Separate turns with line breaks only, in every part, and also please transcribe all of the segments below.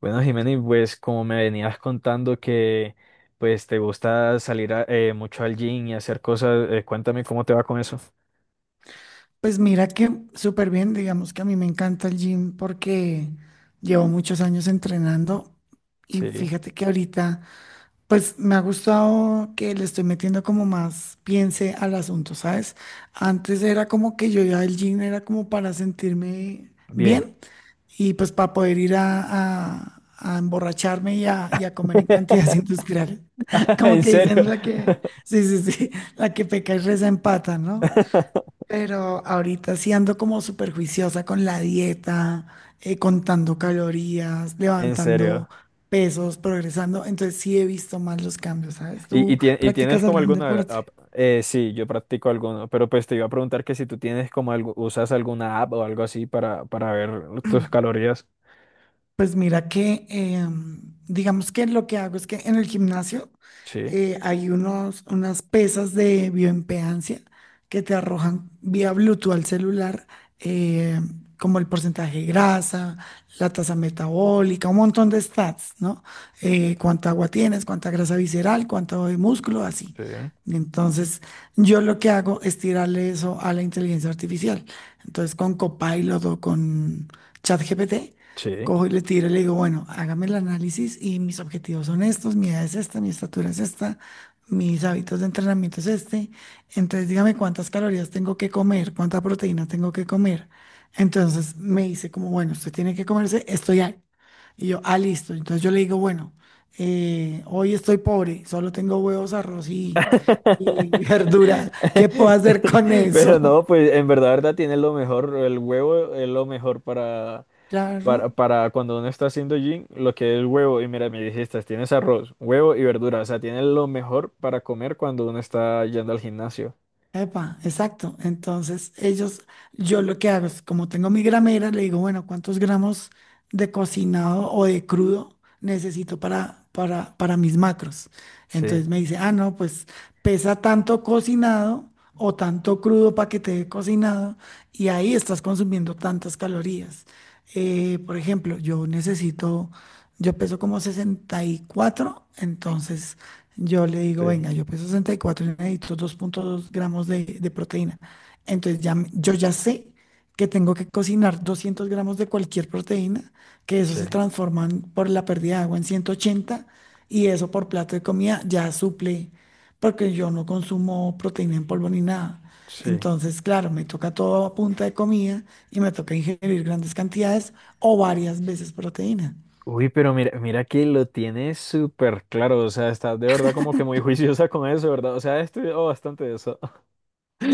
Bueno, Jimena, pues como me venías contando que pues te gusta salir mucho al gym y hacer cosas, cuéntame cómo te va con eso.
Pues mira que súper bien, digamos que a mí me encanta el gym porque llevo muchos años entrenando y
Sí,
fíjate que ahorita pues me ha gustado que le estoy metiendo como más piense al asunto, ¿sabes? Antes era como que yo ya el gym era como para sentirme
bien.
bien y pues para poder ir a emborracharme y a comer en cantidades industriales. Como
En
que
serio.
dicen la que, sí, sí, sí, la que peca y reza empata, ¿no? Pero ahorita sí ando como súper juiciosa con la dieta, contando calorías,
En serio.
levantando pesos, progresando. Entonces sí he visto más los cambios, ¿sabes?
¿Y, y,
¿Tú
tie- y tienes
practicas
como
algún
alguna
deporte?
app? Sí, yo practico alguno, pero pues te iba a preguntar que si tú tienes como algo, usas alguna app o algo así para ver tus calorías.
Pues mira que, digamos que lo que hago es que en el gimnasio
Sí,
hay unas pesas de bioimpedancia que te arrojan vía Bluetooth al celular, eh, como el porcentaje de grasa, la tasa metabólica, un montón de stats, ¿no? Cuánta agua tienes, cuánta grasa visceral, cuánto de músculo, así.
sí,
Entonces, yo lo que hago es tirarle eso a la inteligencia artificial. Entonces, con Copilot o con ChatGPT
sí.
cojo y le tiro y le digo, bueno, hágame el análisis y mis objetivos son estos, mi edad es esta, mi estatura es esta, mis hábitos de entrenamiento es este. Entonces dígame cuántas calorías tengo que comer, cuánta proteína tengo que comer. Entonces me dice como, bueno, usted tiene que comerse esto ya. Y yo, ah, listo. Entonces yo le digo, bueno, hoy estoy pobre, solo tengo huevos, arroz y verdura. ¿Qué puedo hacer con
Pero
eso?
no, pues en verdad, verdad tiene lo mejor, el huevo es lo mejor
Claro.
para cuando uno está haciendo gym, lo que es el huevo, y mira, me dijiste, tienes arroz, huevo y verdura, o sea, tiene lo mejor para comer cuando uno está yendo al gimnasio.
Epa, exacto. Entonces, ellos, yo lo que hago es, como tengo mi gramera, le digo, bueno, ¿cuántos gramos de cocinado o de crudo necesito para mis macros?
Sí,
Entonces me dice, ah, no, pues pesa tanto cocinado o tanto crudo para que te dé cocinado y ahí estás consumiendo tantas calorías. Por ejemplo, yo necesito, yo peso como sesenta y cuatro, entonces yo le digo,
sí,
venga, yo peso 64 y cuatro y necesito 2.2 gramos de proteína. Entonces ya, yo ya sé que tengo que cocinar 200 gramos de cualquier proteína, que eso
sí,
se transforman por la pérdida de agua en 180, y eso por plato de comida ya suple, porque yo no consumo proteína en polvo ni nada.
sí.
Entonces, claro, me toca todo a punta de comida y me toca ingerir grandes cantidades o varias veces proteína.
Uy, pero mira, mira que lo tienes súper claro, o sea, estás de verdad como que muy juiciosa con eso, ¿verdad? O sea, he estudiado bastante de eso.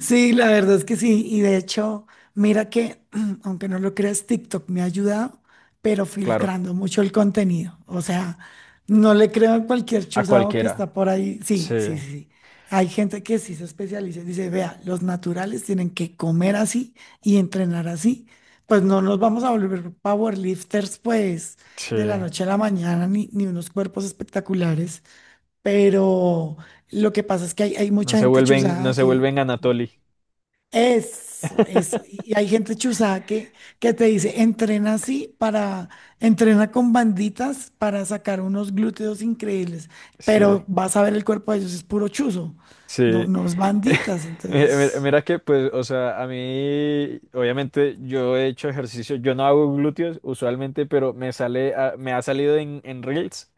Sí, la verdad es que sí. Y de hecho, mira que, aunque no lo creas, TikTok me ha ayudado, pero
Claro,
filtrando mucho el contenido. O sea, no le creo a cualquier
a
chuzado que
cualquiera.
está por ahí.
Sí,
Sí, sí, sí. Sí. Hay gente que sí se especializa y dice, vea, los naturales tienen que comer así y entrenar así. Pues no nos vamos a volver powerlifters, pues, de la
sí.
noche a la mañana, ni, ni unos cuerpos espectaculares. Pero lo que pasa es que hay
No
mucha
se
gente
vuelven, no
chuzada
se
que
vuelven Anatoly.
eso, eso. Y hay gente chuzada que te dice, entrena así para, entrena con banditas para sacar unos glúteos increíbles,
Sí,
pero vas a ver el cuerpo de ellos, es puro chuzo, no,
sí.
no es banditas,
Mira,
entonces.
mira- mira que, pues, o sea, a mí, obviamente, yo he hecho ejercicio, yo no hago glúteos usualmente, pero me ha salido en Reels,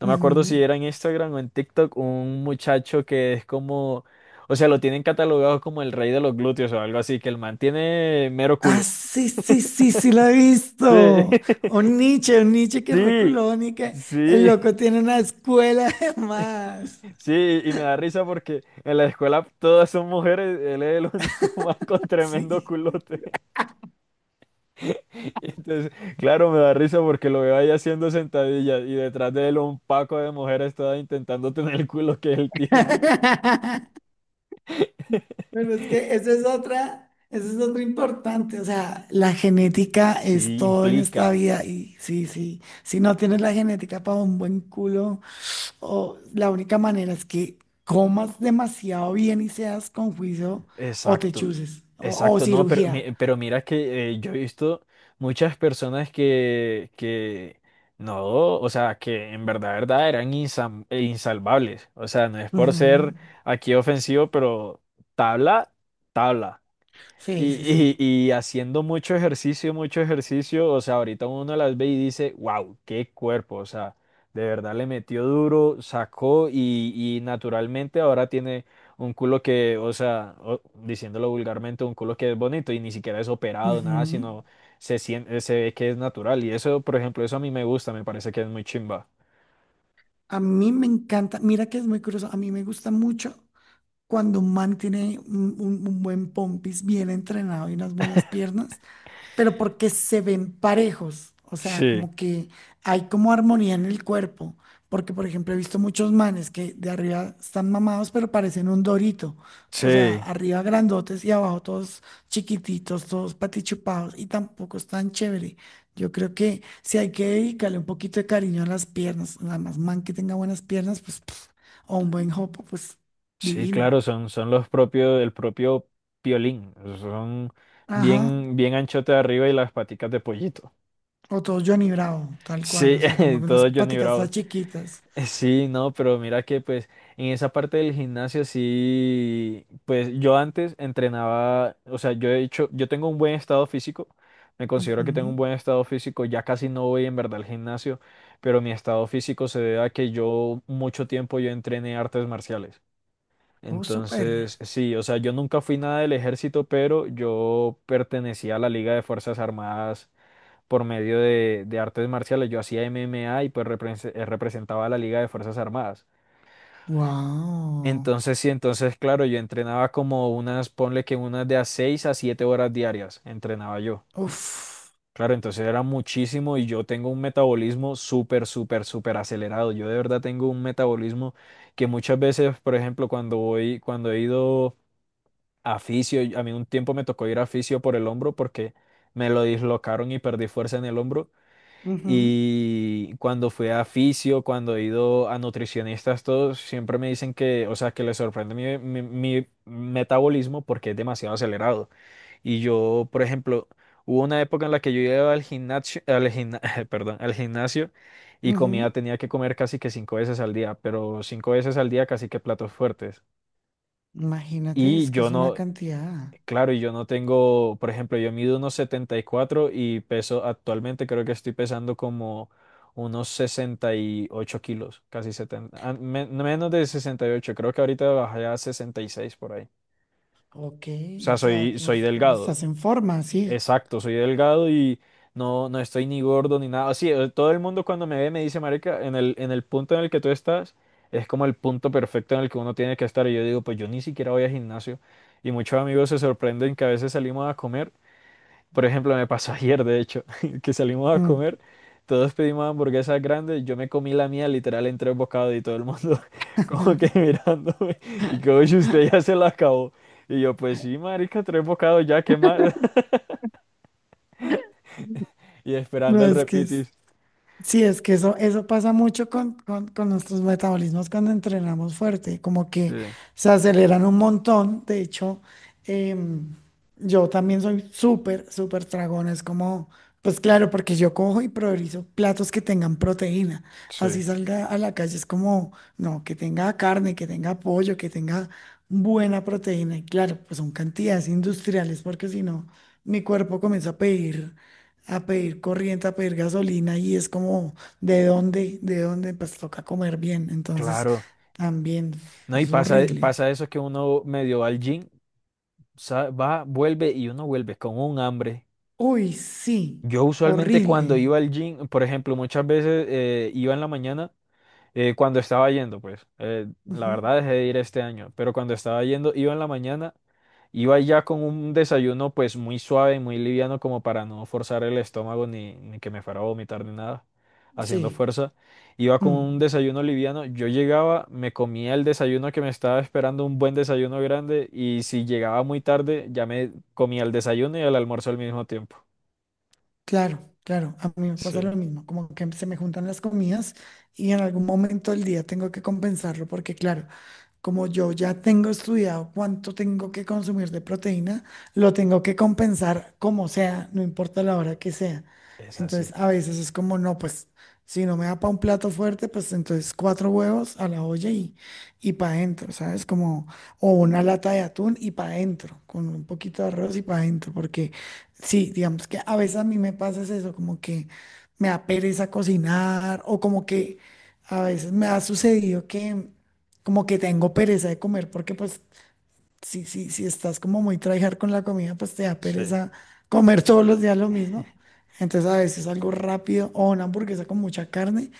no me acuerdo si
Ujú.
era en Instagram o en TikTok, un muchacho que es como, o sea, lo tienen catalogado como el rey de los glúteos o algo así, que el man tiene mero
Ah,
culo.
sí, sí, sí, sí, lo he
Sí,
visto. Un Nietzsche que es
sí,
reculón y que el
sí.
loco tiene una escuela además.
Sí, y me da risa porque en la escuela todas son mujeres, él es el único man con tremendo
Sí.
culote. Y entonces, claro, me da risa porque lo veo ahí haciendo sentadillas y detrás de él un paco de mujeres todas intentando tener el culo que él tiene.
Pero es que esa es otra importante, o sea, la genética es
Sí,
todo en esta
implica.
vida y sí, sí, si no tienes la genética para un buen culo, o la única manera es que comas demasiado bien y seas con juicio o te
Exacto,
chuses o
exacto, no, pero,
cirugía.
pero mira que yo he visto muchas personas que no, o sea, que en verdad, verdad eran insalvables, o sea, no es por
Ujú.
ser aquí ofensivo, pero tabla, tabla.
Sí, sí,
Y,
sí.
y, y haciendo mucho ejercicio, o sea, ahorita uno las ve y dice, wow, qué cuerpo, o sea, de verdad le metió duro, sacó y naturalmente ahora tiene un culo que, o sea, diciéndolo vulgarmente, un culo que es bonito y ni siquiera es operado, nada,
Ujú.
sino se siente, se ve que es natural. Y eso, por ejemplo, eso a mí me gusta, me parece que es muy chimba.
A mí me encanta, mira que es muy curioso, a mí me gusta mucho cuando un man tiene un, un buen pompis bien entrenado y unas buenas piernas. Pero porque se ven parejos, o sea,
Sí,
como que hay como armonía en el cuerpo, porque por ejemplo he visto muchos manes que de arriba están mamados, pero parecen un dorito, o sea,
sí.
arriba grandotes y abajo todos chiquititos, todos patichupados y tampoco es tan chévere. Yo creo que si hay que dedicarle un poquito de cariño a las piernas, nada más man que tenga buenas piernas, pues, pf, o un buen jopo, pues
Sí,
divino.
claro, son, son los propios, el propio piolín. Son
Ajá.
bien, bien anchote de arriba y las paticas de pollito.
O todo Johnny Bravo, tal cual,
Sí,
o sea, como que unas
todo Johnny
patitas tan
Bravo.
chiquitas.
Sí, no, pero mira que pues en esa parte del gimnasio sí, pues yo antes entrenaba, o sea, yo he hecho, yo tengo un buen estado físico, me considero que tengo un
Ujú.
buen estado físico, ya casi no voy en verdad al gimnasio, pero mi estado físico se debe a que yo mucho tiempo yo entrené artes marciales.
Oh, súper.
Entonces, sí, o sea, yo nunca fui nada del ejército, pero yo pertenecía a la Liga de Fuerzas Armadas por medio de artes marciales. Yo hacía MMA y pues representaba a la Liga de Fuerzas Armadas.
Wow.
Entonces, sí, entonces, claro, yo entrenaba como unas, ponle que unas de a 6 a 7 horas diarias, entrenaba yo.
Uf.
Claro, entonces era muchísimo y yo tengo un metabolismo súper, súper, súper acelerado. Yo de verdad tengo un metabolismo que muchas veces, por ejemplo, cuando voy, cuando he ido a fisio, a mí un tiempo me tocó ir a fisio por el hombro porque me lo dislocaron y perdí fuerza en el hombro.
Ujú,
Y cuando fui a fisio, cuando he ido a nutricionistas, todos siempre me dicen que, o sea, que les sorprende mi metabolismo porque es demasiado acelerado. Y yo, por ejemplo, hubo una época en la que yo iba al gimnasio, al gimna- perdón, al gimnasio y comía,
ujú.
tenía que comer casi que cinco veces al día, pero cinco veces al día casi que platos fuertes.
Imagínate,
Y
es que
yo
es una
no.
cantidad.
Claro, y yo no tengo, por ejemplo, yo mido unos setenta y cuatro y peso actualmente, creo que estoy pesando como unos 68 kilos, casi setenta, ah, menos de 68. Creo que ahorita bajé a 66 por ahí. O
Ok, o
sea,
sea,
soy, soy
nos, nos
delgado,
estás forma, sí.
exacto, soy delgado y no, no estoy ni gordo ni nada. Así, todo el mundo cuando me ve me dice, marica, en el punto en el que tú estás, es como el punto perfecto en el que uno tiene que estar. Y yo digo, pues yo ni siquiera voy al gimnasio. Y muchos amigos se sorprenden que a veces salimos a comer. Por ejemplo, me pasó ayer, de hecho, que salimos a
Mm.
comer, todos pedimos hamburguesas grandes, yo me comí la mía literal en tres bocados y todo el mundo como que mirándome y como si usted ya se la acabó. Y yo, pues sí, marica, tres bocados ya, ¿qué más? Y
No,
esperando el
es que es.
repitis.
Sí, es que eso pasa mucho con nuestros metabolismos cuando entrenamos fuerte, como
Sí,
que se aceleran un montón. De hecho, em, yo también soy súper, súper tragón. Es como, pues claro, porque yo cojo y priorizo platos que tengan proteína.
sí,
Así salga a la calle, es como, no, que tenga carne, que tenga pollo, que tenga buena proteína. Y claro, pues son cantidades industriales, porque si no, mi cuerpo comienza a pedir corriente, a pedir gasolina y es como, ¿de dónde? ¿De dónde? Pues toca comer bien. Entonces,
claro.
también
No, y
es
pasa,
horrible.
pasa eso que uno medio va al gym, vuelve y uno vuelve con un hambre.
Uy, sí,
Yo usualmente cuando
horrible.
iba al gym, por ejemplo, muchas veces iba en la mañana. Cuando estaba yendo, pues, la
Ujú.
verdad dejé de ir este año, pero cuando estaba yendo, iba en la mañana, iba ya con un desayuno pues muy suave, muy liviano, como para no forzar el estómago ni, ni que me fuera a vomitar ni nada, haciendo
Sí.
fuerza. Iba con un
Mm.
desayuno liviano, yo llegaba, me comía el desayuno que me estaba esperando, un buen desayuno grande, y si llegaba muy tarde, ya me comía el desayuno y el almuerzo al mismo tiempo.
Claro, claro, a mí me pasa
Sí,
lo mismo, como que se me juntan las comidas y en algún momento del día tengo que compensarlo porque claro, como yo ya tengo estudiado cuánto tengo que consumir de proteína, lo tengo que compensar como sea, no importa la hora que sea.
es así.
Entonces, a veces es como, no, pues si no me da para un plato fuerte, pues entonces 4 huevos a la olla y para adentro, ¿sabes? Como, o una lata de atún y para adentro, con un poquito de arroz y para adentro, porque sí, digamos que a veces a mí me pasa es eso, como que me da pereza cocinar, o como que a veces me ha sucedido que como que tengo pereza de comer, porque pues si estás como muy tryhard con la comida, pues te da
Sí.
pereza comer todos los días lo mismo. Entonces a veces algo rápido o una hamburguesa con mucha carne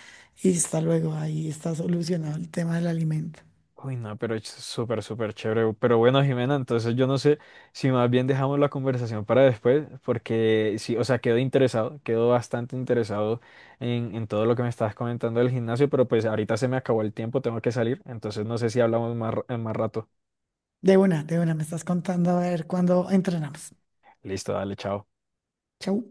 y hasta luego, ahí está solucionado el tema del alimento.
Uy, no, pero es súper, súper chévere. Pero bueno, Jimena, entonces yo no sé si más bien dejamos la conversación para después, porque sí, o sea, quedo interesado, quedo bastante interesado en todo lo que me estabas comentando del gimnasio, pero pues ahorita se me acabó el tiempo, tengo que salir, entonces no sé si hablamos más, en más rato.
De una, me estás contando a ver cuándo entrenamos.
Listo, dale, chao.
Chau.